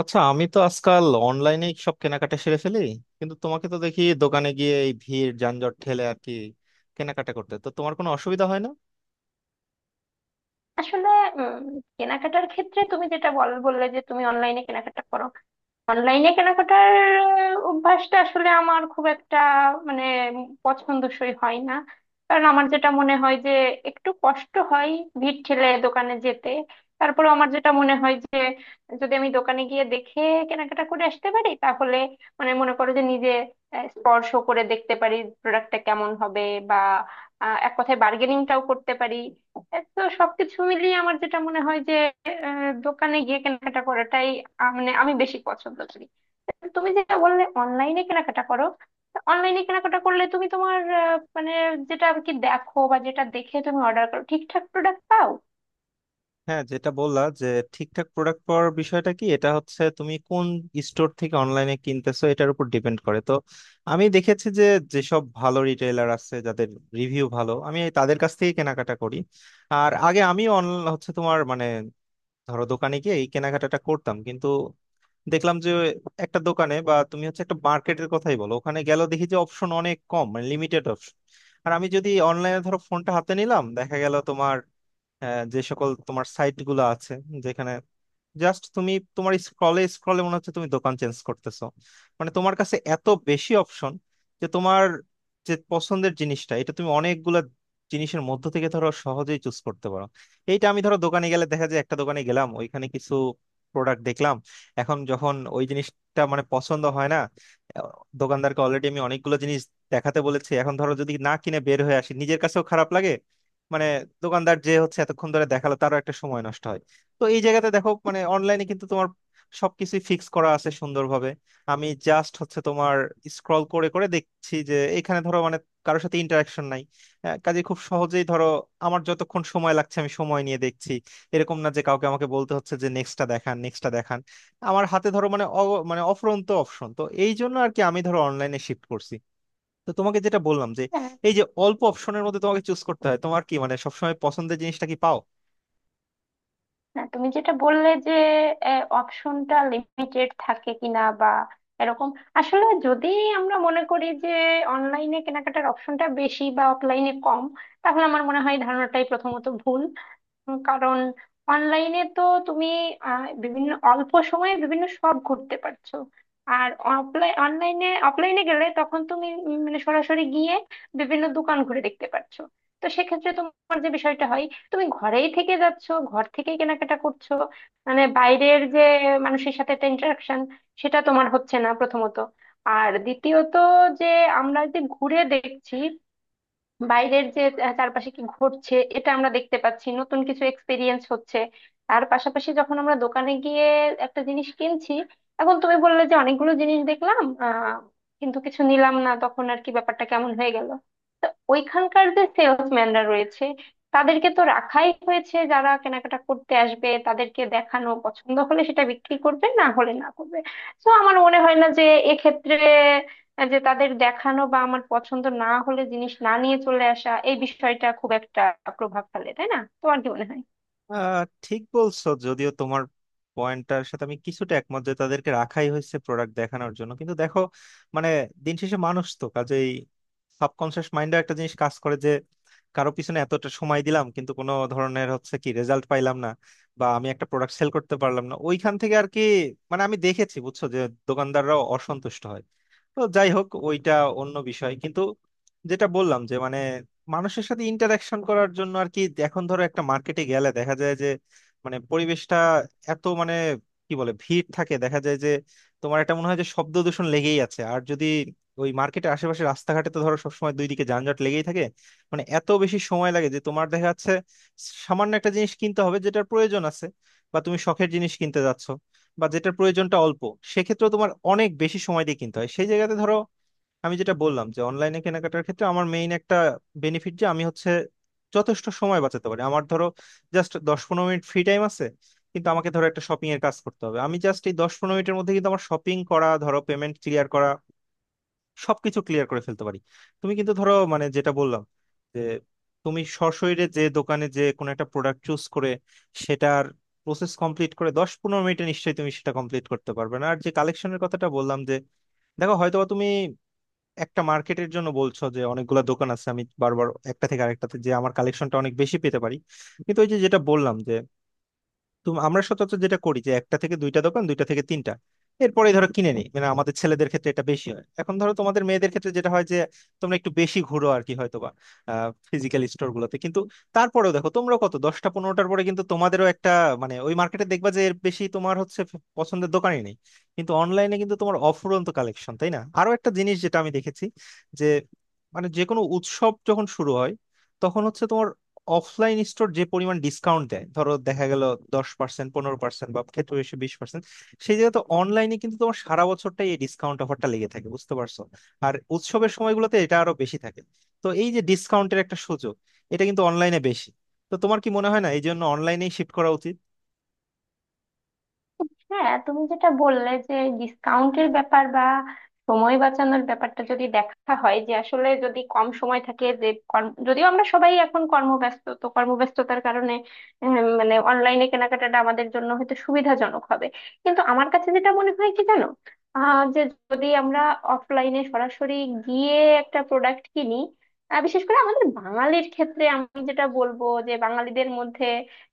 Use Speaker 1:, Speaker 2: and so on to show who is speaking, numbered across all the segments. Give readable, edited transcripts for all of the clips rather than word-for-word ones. Speaker 1: আচ্ছা, আমি তো আজকাল অনলাইনে সব কেনাকাটা সেরে ফেলি, কিন্তু তোমাকে তো দেখি দোকানে গিয়ে এই ভিড় যানজট ঠেলে আর কি কেনাকাটা করতে তো তোমার কোনো অসুবিধা হয় না।
Speaker 2: আসলে উম কেনাকাটার ক্ষেত্রে তুমি যেটা বললে যে তুমি অনলাইনে কেনাকাটা করো। অনলাইনে কেনাকাটার অভ্যাসটা আসলে আমার খুব একটা মানে পছন্দসই হয় না। কারণ আমার যেটা মনে হয় যে একটু কষ্ট হয় ভিড় ঠেলে দোকানে যেতে। তারপরে আমার যেটা মনে হয় যে যদি আমি দোকানে গিয়ে দেখে কেনাকাটা করে আসতে পারি তাহলে মানে মনে করো যে নিজে স্পর্শ করে দেখতে পারি প্রোডাক্টটা কেমন হবে, বা এক কথায় বার্গেনিংটাও করতে পারি। এ তো সবকিছু মিলিয়ে আমার যেটা মনে হয় যে দোকানে গিয়ে কেনাকাটা করাটাই মানে আমি বেশি পছন্দ করি। তো তুমি যেটা বললে অনলাইনে কেনাকাটা করো, অনলাইনে কেনাকাটা করলে তুমি তোমার মানে যেটা আর কি দেখো বা যেটা দেখে তুমি অর্ডার করো ঠিকঠাক প্রোডাক্ট পাও?
Speaker 1: হ্যাঁ, যেটা বললা যে ঠিকঠাক প্রোডাক্ট পাওয়ার বিষয়টা, কি এটা হচ্ছে তুমি কোন স্টোর থেকে অনলাইনে কিনতেছো এটার উপর ডিপেন্ড করে তো। আমি দেখেছি যে যেসব ভালো রিটেইলার আছে যাদের রিভিউ ভালো আমি এই তাদের কাছ থেকে কেনাকাটা করি। আর আগে আমি অনলাইন হচ্ছে তোমার মানে ধরো দোকানে গিয়ে এই কেনাকাটাটা করতাম। দেখলাম যে একটা দোকানে, বা তুমি হচ্ছে একটা মার্কেটের কথাই বলো, ওখানে গেল দেখি যে অপশন অনেক কম, মানে লিমিটেড অপশন। আর আমি যদি অনলাইনে ধরো ফোনটা হাতে নিলাম দেখা গেল তোমার যে সকল তোমার সাইট গুলো আছে, যেখানে জাস্ট তুমি তোমার স্ক্রলে স্ক্রলে মনে হচ্ছে তুমি দোকান চেঞ্জ করতেছো। মানে তোমার কাছে এত বেশি অপশন যে তোমার যে পছন্দের জিনিসটা এটা তুমি অনেকগুলা জিনিসের মধ্য থেকে ধরো সহজেই চুজ করতে পারো। এইটা আমি ধরো দোকানে গেলে দেখা যায় একটা দোকানে গেলাম ওইখানে কিছু প্রোডাক্ট দেখলাম, এখন যখন ওই জিনিসটা মানে পছন্দ হয় না, আহ, দোকানদারকে অলরেডি আমি অনেকগুলো জিনিস দেখাতে বলেছি, এখন ধরো যদি না কিনে বের হয়ে আসি নিজের কাছেও খারাপ লাগে। মানে দোকানদার যে হচ্ছে এতক্ষণ ধরে দেখালো তারও একটা সময় নষ্ট হয়। তো এই জায়গাতে দেখো মানে অনলাইনে কিন্তু তোমার সবকিছুই ফিক্স করা আছে সুন্দরভাবে। আমি জাস্ট হচ্ছে তোমার স্ক্রল করে করে দেখছি যে এখানে ধরো মানে কারোর সাথে ইন্টারাকশন নাই। কাজে খুব সহজেই ধরো আমার যতক্ষণ সময় লাগছে আমি সময় নিয়ে দেখছি, এরকম না যে কাউকে আমাকে বলতে হচ্ছে যে নেক্সটটা দেখান নেক্সটটা দেখান। আমার হাতে ধরো মানে মানে অফুরন্ত অপশন, তো এই জন্য আর কি আমি ধরো অনলাইনে শিফট করছি। তো তোমাকে যেটা বললাম যে
Speaker 2: হ্যাঁ।
Speaker 1: এই যে অল্প অপশনের মধ্যে তোমাকে চুজ করতে হয়, তোমার কি মানে সবসময় পছন্দের জিনিসটা কি পাও?
Speaker 2: হ্যাঁ, তুমি যেটা বললে যে অপশনটা লিমিটেড থাকে কিনা বা এরকম, আসলে যদি আমরা মনে করি যে অনলাইনে কেনাকাটার অপশনটা বেশি বা অফলাইনে কম, তাহলে আমার মনে হয় ধারণাটাই প্রথমত ভুল। কারণ অনলাইনে তো তুমি বিভিন্ন অল্প সময়ে বিভিন্ন সব ঘুরতে পারছো। আর অফলাইনে গেলে তখন তুমি মানে সরাসরি গিয়ে বিভিন্ন দোকান ঘুরে দেখতে পারছো। তো সেক্ষেত্রে তোমার যে বিষয়টা হয়, তুমি ঘরেই থেকে যাচ্ছো, ঘর থেকেই কেনাকাটা করছো। মানে বাইরের যে মানুষের সাথে একটা ইন্টারাকশন, সেটা তোমার হচ্ছে না প্রথমত। আর দ্বিতীয়ত, যে আমরা যে ঘুরে দেখছি বাইরের যে চারপাশে কি ঘটছে এটা আমরা দেখতে পাচ্ছি, নতুন কিছু এক্সপিরিয়েন্স হচ্ছে। তার পাশাপাশি যখন আমরা দোকানে গিয়ে একটা জিনিস কিনছি, এখন তুমি বললে যে অনেকগুলো জিনিস দেখলাম আহ কিন্তু কিছু নিলাম না, তখন আর কি ব্যাপারটা কেমন হয়ে গেল। তো ওইখানকার যে সেলসম্যানরা রয়েছে, তাদেরকে তো রাখাই হয়েছে, যারা কেনাকাটা করতে আসবে তাদেরকে দেখানো, পছন্দ হলে সেটা বিক্রি করবে না হলে না করবে। তো আমার মনে হয় না যে এক্ষেত্রে যে তাদের দেখানো বা আমার পছন্দ না হলে জিনিস না নিয়ে চলে আসা এই বিষয়টা খুব একটা প্রভাব ফেলে, তাই না? তোমার কি মনে হয়?
Speaker 1: আহ, ঠিক বলছো, যদিও তোমার পয়েন্টটার সাথে আমি কিছুটা একমত যে তাদেরকে রাখাই হয়েছে প্রোডাক্ট দেখানোর জন্য, কিন্তু দেখো মানে দিন শেষে মানুষ তো, কাজেই সাবকনসিয়াস মাইন্ডে একটা জিনিস কাজ করে যে কারো পিছনে এতটা সময় দিলাম কিন্তু কোনো ধরনের হচ্ছে কি রেজাল্ট পাইলাম না, বা আমি একটা প্রোডাক্ট সেল করতে পারলাম না ওইখান থেকে আর কি। মানে আমি দেখেছি বুঝছো যে দোকানদাররাও অসন্তুষ্ট হয়। তো যাই হোক ওইটা অন্য বিষয়, কিন্তু যেটা বললাম যে মানে মানুষের সাথে ইন্টারাকশন করার জন্য আর কি। এখন ধরো একটা মার্কেটে গেলে দেখা যায় যে মানে পরিবেশটা এত মানে কি বলে ভিড় থাকে, দেখা যায় যে তোমার এটা মনে হয় যে শব্দ দূষণ লেগেই আছে, আর যদি ওই মার্কেটের আশেপাশে রাস্তাঘাটে তো ধরো সবসময় দুই দিকে যানজট লেগেই থাকে। মানে এত বেশি সময় লাগে যে তোমার দেখা যাচ্ছে সামান্য একটা জিনিস কিনতে হবে যেটার প্রয়োজন আছে, বা তুমি শখের জিনিস কিনতে যাচ্ছ, বা যেটার প্রয়োজনটা অল্প, সেক্ষেত্রে তোমার অনেক বেশি সময় দিয়ে কিনতে হয়। সেই জায়গাতে ধরো আমি যেটা বললাম যে অনলাইনে কেনাকাটার ক্ষেত্রে আমার মেইন একটা বেনিফিট যে আমি হচ্ছে যথেষ্ট সময় বাঁচাতে পারি। আমার ধরো জাস্ট 10-15 মিনিট ফ্রি টাইম আছে, কিন্তু আমাকে ধরো একটা শপিং এর কাজ করতে হবে, আমি জাস্ট এই 10-15 মিনিটের মধ্যে কিন্তু আমার শপিং করা, ধরো পেমেন্ট ক্লিয়ার করা, সবকিছু ক্লিয়ার করে ফেলতে পারি। তুমি কিন্তু ধরো মানে যেটা বললাম যে তুমি সশরীরে যে দোকানে যে কোনো একটা প্রোডাক্ট চুজ করে সেটার প্রসেস কমপ্লিট করে 10-15 মিনিটে নিশ্চয়ই তুমি সেটা কমপ্লিট করতে পারবে না। আর যে কালেকশনের কথাটা বললাম যে দেখো হয়তোবা তুমি একটা মার্কেটের জন্য বলছো যে অনেকগুলা দোকান আছে, আমি বারবার একটা থেকে আরেকটাতে যে আমার কালেকশনটা অনেক বেশি পেতে পারি, কিন্তু ওই যে যেটা বললাম যে তুমি আমরা সচরাচর যেটা করি যে একটা থেকে দুইটা দোকান, দুইটা থেকে তিনটা, এরপরে ধরো কিনে নিই, মানে আমাদের ছেলেদের ক্ষেত্রে এটা বেশি হয়। এখন ধরো তোমাদের মেয়েদের ক্ষেত্রে যেটা হয় যে তোমরা একটু বেশি ঘুরো আর কি, হয়তো বা ফিজিক্যাল স্টোর গুলোতে, কিন্তু তারপরেও দেখো তোমরা কত দশটা পনেরোটার পরে কিন্তু তোমাদেরও একটা মানে ওই মার্কেটে দেখবা যে এর বেশি তোমার হচ্ছে পছন্দের দোকানই নেই। কিন্তু অনলাইনে কিন্তু তোমার অফুরন্ত কালেকশন, তাই না? আরো একটা জিনিস যেটা আমি দেখেছি যে মানে যে কোনো উৎসব যখন শুরু হয় তখন হচ্ছে তোমার অফলাইন স্টোর যে পরিমাণ ডিসকাউন্ট দেয় ধরো দেখা গেল 10%, 15%, বা ক্ষেত্রে বেশি 20%। সেই জায়গায় তো অনলাইনে কিন্তু তোমার সারা বছরটাই এই ডিসকাউন্ট অফারটা লেগে থাকে, বুঝতে পারছো? আর উৎসবের সময়গুলোতে এটা আরো বেশি থাকে। তো এই যে ডিসকাউন্টের একটা সুযোগ, এটা কিন্তু অনলাইনে বেশি। তো তোমার কি মনে হয় না এই জন্য অনলাইনেই শিফট করা উচিত?
Speaker 2: হ্যাঁ, তুমি যেটা বললে যে ডিসকাউন্টের ব্যাপার বা সময় বাঁচানোর ব্যাপারটা যদি দেখা হয় যে, আসলে যদি কম সময় থাকে যে যদিও আমরা সবাই এখন কর্মব্যস্ত, তো কর্মব্যস্ততার কারণে মানে অনলাইনে কেনাকাটাটা আমাদের জন্য হয়তো সুবিধাজনক হবে। কিন্তু আমার কাছে যেটা মনে হয় কি জানো, যে যদি আমরা অফলাইনে সরাসরি গিয়ে একটা প্রোডাক্ট কিনি, বিশেষ করে আমাদের বাঙালির ক্ষেত্রে আমি যেটা বলবো যে বাঙালিদের মধ্যে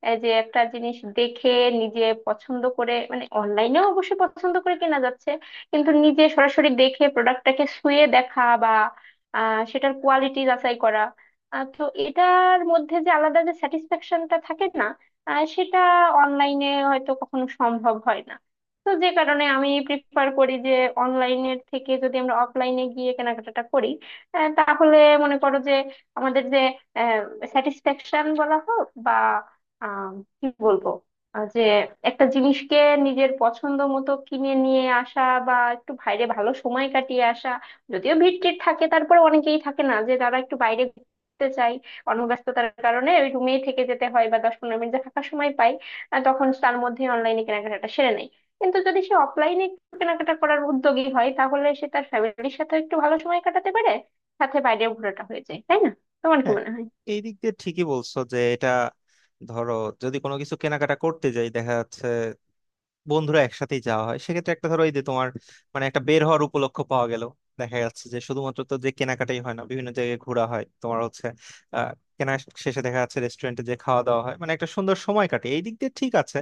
Speaker 2: এই যে একটা জিনিস দেখে নিজে পছন্দ করে, মানে অনলাইনেও অবশ্যই পছন্দ করে কেনা যাচ্ছে, কিন্তু নিজে সরাসরি দেখে প্রোডাক্টটাকে ছুঁয়ে দেখা বা সেটার কোয়ালিটি যাচাই করা, তো এটার মধ্যে যে আলাদা যে স্যাটিসফ্যাকশনটা থাকে না, সেটা অনলাইনে হয়তো কখনো সম্ভব হয় না। তো যে কারণে আমি প্রিফার করি যে অনলাইনের থেকে যদি আমরা অফলাইনে গিয়ে কেনাকাটাটা করি, তাহলে মনে করো যে আমাদের যে স্যাটিসফ্যাকশন বলা হোক বা আহ কি বলবো, যে একটা জিনিসকে নিজের পছন্দ মতো কিনে নিয়ে আসা বা একটু বাইরে ভালো সময় কাটিয়ে আসা। যদিও ভিড় টির থাকে, তারপরে অনেকেই থাকে না যে তারা একটু বাইরে ঘুরতে চায়, কর্মব্যস্ততার কারণে ওই রুমেই থেকে যেতে হয় বা 10-15 মিনিট যে ফাঁকা সময় পাই, তখন তার মধ্যে অনলাইনে কেনাকাটাটা সেরে নেয়। কিন্তু যদি সে অফলাইনে কেনাকাটা করার উদ্যোগী হয়, তাহলে সে তার ফ্যামিলির সাথে একটু ভালো সময় কাটাতে পারে, সাথে বাইরে ঘোরাটা হয়ে যায়, তাই না? তোমার কি
Speaker 1: হ্যাঁ,
Speaker 2: মনে হয়?
Speaker 1: এই দিক দিয়ে ঠিকই বলছো যে এটা ধরো যদি কোনো কিছু কেনাকাটা করতে যাই দেখা যাচ্ছে বন্ধুরা একসাথেই যাওয়া হয়, সেক্ষেত্রে একটা ধরো এই যে তোমার মানে একটা বের হওয়ার উপলক্ষ পাওয়া গেল। দেখা যাচ্ছে যে শুধুমাত্র তো যে কেনাকাটাই হয় না, বিভিন্ন জায়গায় ঘোরা হয়, তোমার হচ্ছে আহ কেনা শেষে দেখা যাচ্ছে রেস্টুরেন্টে যে খাওয়া দাওয়া হয়, মানে একটা সুন্দর সময় কাটে, এই দিক দিয়ে ঠিক আছে।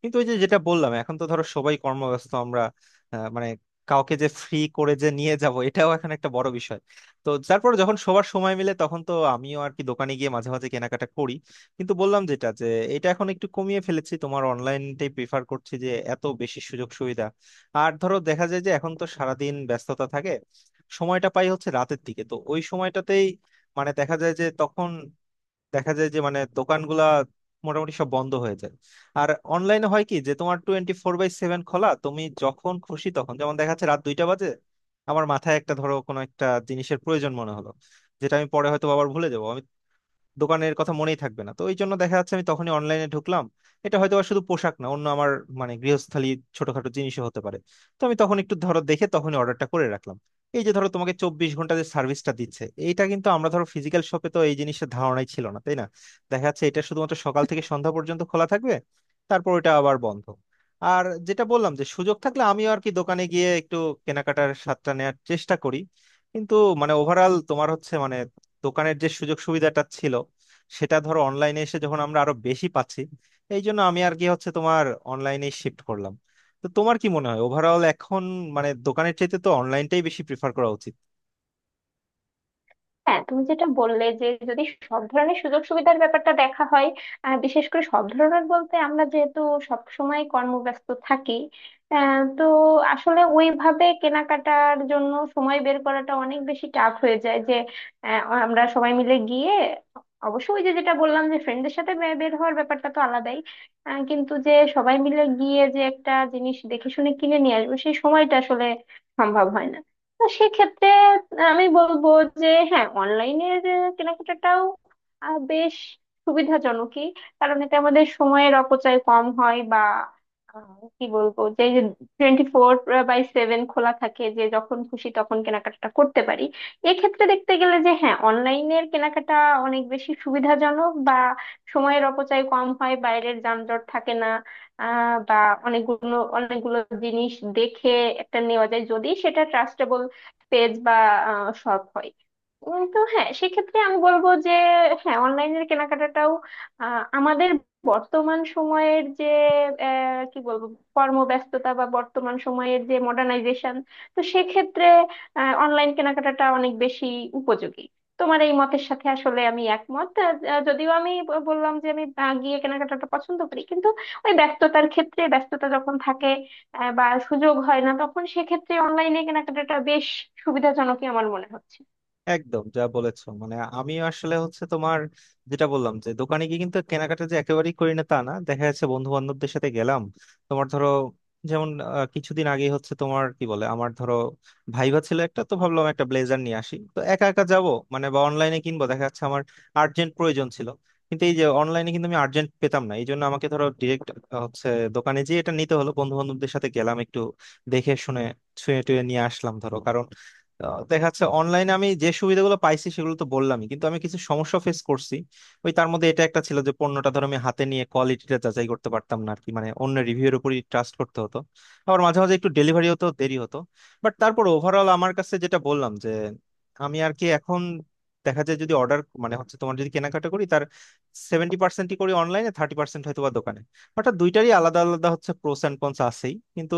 Speaker 1: কিন্তু ওই যে যেটা বললাম এখন তো ধরো সবাই কর্মব্যস্ত আমরা, মানে কাউকে যে ফ্রি করে যে নিয়ে যাব এটাও এখন একটা বড় বিষয়। তো তারপর যখন সবার সময় মিলে তখন তো আমিও আর কি দোকানে গিয়ে মাঝে মাঝে কেনাকাটা করি, কিন্তু বললাম যেটা যে এটা এখন একটু কমিয়ে ফেলেছি, তোমার অনলাইনটাই প্রিফার করছি যে এত বেশি সুযোগ সুবিধা। আর ধরো দেখা যায় যে এখন তো সারাদিন ব্যস্ততা থাকে, সময়টা পাই হচ্ছে রাতের দিকে, তো ওই সময়টাতেই মানে দেখা যায় যে তখন দেখা যায় যে মানে দোকানগুলা মোটামুটি সব বন্ধ হয়ে যায়। আর অনলাইনে হয় কি যে তোমার 24/7 খোলা, তুমি যখন খুশি তখন, যেমন দেখা যাচ্ছে রাত 2টা বাজে আমার মাথায় একটা ধরো কোনো একটা জিনিসের প্রয়োজন মনে হলো, যেটা আমি পরে হয়তো আবার ভুলে যাবো, দোকানের কথা মনেই থাকবে না, তো এই জন্য দেখা যাচ্ছে আমি তখনই অনলাইনে ঢুকলাম। এটা হয়তো আর শুধু পোশাক না, অন্য আমার মানে গৃহস্থালী ছোটখাটো জিনিসও হতে পারে। তো আমি তখন একটু ধরো দেখে তখনই অর্ডারটা করে রাখলাম। এই যে ধরো তোমাকে 24 ঘন্টা যে সার্ভিসটা দিচ্ছে এইটা কিন্তু আমরা ধরো ফিজিক্যাল শপে তো এই জিনিসটা ধারণাই ছিল না, তাই না? দেখা যাচ্ছে এটা শুধুমাত্র সকাল থেকে সন্ধ্যা পর্যন্ত খোলা থাকবে, তারপর এটা আবার বন্ধ। আর যেটা বললাম যে সুযোগ থাকলে আমিও আর কি দোকানে গিয়ে একটু কেনাকাটার স্বাদটা নেওয়ার চেষ্টা করি, কিন্তু মানে ওভারঅল তোমার হচ্ছে মানে দোকানের যে সুযোগ সুবিধাটা ছিল সেটা ধরো অনলাইনে এসে যখন আমরা আরো বেশি পাচ্ছি, এই জন্য আমি আর কি হচ্ছে তোমার অনলাইনে শিফট করলাম। তো তোমার কি মনে হয় ওভারঅল এখন মানে দোকানের চাইতে তো অনলাইনটাই বেশি প্রিফার করা উচিত?
Speaker 2: হ্যাঁ, তুমি যেটা বললে যে যদি সব ধরনের সুযোগ সুবিধার ব্যাপারটা দেখা হয়, বিশেষ করে সব ধরনের বলতে আমরা যেহেতু সব সময় কর্মব্যস্ত থাকি, তো আসলে ওইভাবে কেনাকাটার জন্য সময় বের করাটা অনেক বেশি টাফ হয়ে যায় যে আমরা সবাই মিলে গিয়ে, অবশ্য ওই যে যেটা বললাম যে ফ্রেন্ডদের সাথে বের হওয়ার ব্যাপারটা তো আলাদাই। কিন্তু যে সবাই মিলে গিয়ে যে একটা জিনিস দেখে শুনে কিনে নিয়ে আসবো, সেই সময়টা আসলে সম্ভব হয় না। তো সেক্ষেত্রে আমি বলবো যে হ্যাঁ, অনলাইনের কেনাকাটাটাও বেশ সুবিধাজনকই, কারণ এতে আমাদের সময়ের অপচয় কম হয় বা কি বলবো যে 24/7 খোলা থাকে, যে যখন খুশি তখন কেনাকাটা করতে পারি। এক্ষেত্রে দেখতে গেলে যে হ্যাঁ, অনলাইনের কেনাকাটা অনেক বেশি সুবিধাজনক বা সময়ের অপচয় কম হয়, বাইরের যানজট থাকে না। বা অনেকগুলো অনেকগুলো জিনিস দেখে একটা নেওয়া যায় যদি সেটা পেজ বা শপ হয়। তো হ্যাঁ, সেক্ষেত্রে আমি বলবো যে হ্যাঁ অনলাইনের কেনাকাটাটাও আমাদের বর্তমান সময়ের যে কি বলবো, কর্মব্যস্ততা বা বর্তমান সময়ের যে মডার্নাইজেশন, তো সেক্ষেত্রে অনলাইন কেনাকাটাটা অনেক বেশি উপযোগী। তোমার এই মতের সাথে আসলে আমি একমত। যদিও আমি বললাম যে আমি গিয়ে কেনাকাটাটা পছন্দ করি, কিন্তু ওই ব্যস্ততার ক্ষেত্রে, ব্যস্ততা যখন থাকে বা সুযোগ হয় না, তখন সেক্ষেত্রে অনলাইনে কেনাকাটাটা বেশ সুবিধাজনকই আমার মনে হচ্ছে।
Speaker 1: একদম, যা বলেছো। মানে আমি আসলে হচ্ছে তোমার যেটা বললাম যে দোকানে গিয়ে কিন্তু কেনাকাটা যে একেবারেই করি না তা না, দেখা যাচ্ছে বন্ধু বান্ধবদের সাথে গেলাম, তোমার ধরো যেমন কিছুদিন আগে হচ্ছে তোমার কি বলে আমার ধরো ভাইবা ছিল একটা, তো ভাবলাম একটা ব্লেজার নিয়ে আসি, তো একা একা যাব মানে বা অনলাইনে কিনবো, দেখা যাচ্ছে আমার আর্জেন্ট প্রয়োজন ছিল কিন্তু এই যে অনলাইনে কিন্তু আমি আর্জেন্ট পেতাম না, এই জন্য আমাকে ধরো ডিরেক্ট হচ্ছে দোকানে যেয়ে এটা নিতে হলো, বন্ধু বান্ধবদের সাথে গেলাম একটু দেখে শুনে ছুঁয়ে টুয়ে নিয়ে আসলাম ধরো। আহ, দেখা যাচ্ছে অনলাইনে আমি যে সুবিধাগুলো পাইছি সেগুলো তো বললামই, কিন্তু আমি কিছু সমস্যা ফেস করছি। ওই তার মধ্যে এটা একটা ছিল যে পণ্যটা ধরো আমি হাতে নিয়ে কোয়ালিটিটা যাচাই করতে পারতাম না আর কি, মানে অন্য রিভিউয়ের উপরই ট্রাস্ট করতে হতো। আবার মাঝে মাঝে একটু ডেলিভারি হতেও দেরি হতো। বাট তারপর ওভারঅল আমার কাছে যেটা বললাম যে আমি আর কি এখন দেখা যায় যদি অর্ডার মানে হচ্ছে তোমার যদি কেনাকাটা করি তার 70%-ই করি অনলাইনে, 30% হয়তো বা দোকানে। অর্থাৎ দুইটারই আলাদা আলাদা হচ্ছে প্রোস অ্যান্ড কনস আছেই, কিন্তু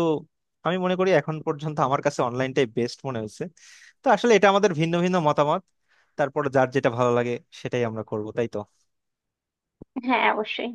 Speaker 1: আমি মনে করি এখন পর্যন্ত আমার কাছে অনলাইনটাই বেস্ট মনে হয়েছে। তো আসলে এটা আমাদের ভিন্ন ভিন্ন মতামত, তারপর যার যেটা ভালো লাগে সেটাই আমরা করব, তাই তো?
Speaker 2: হ্যাঁ, অবশ্যই।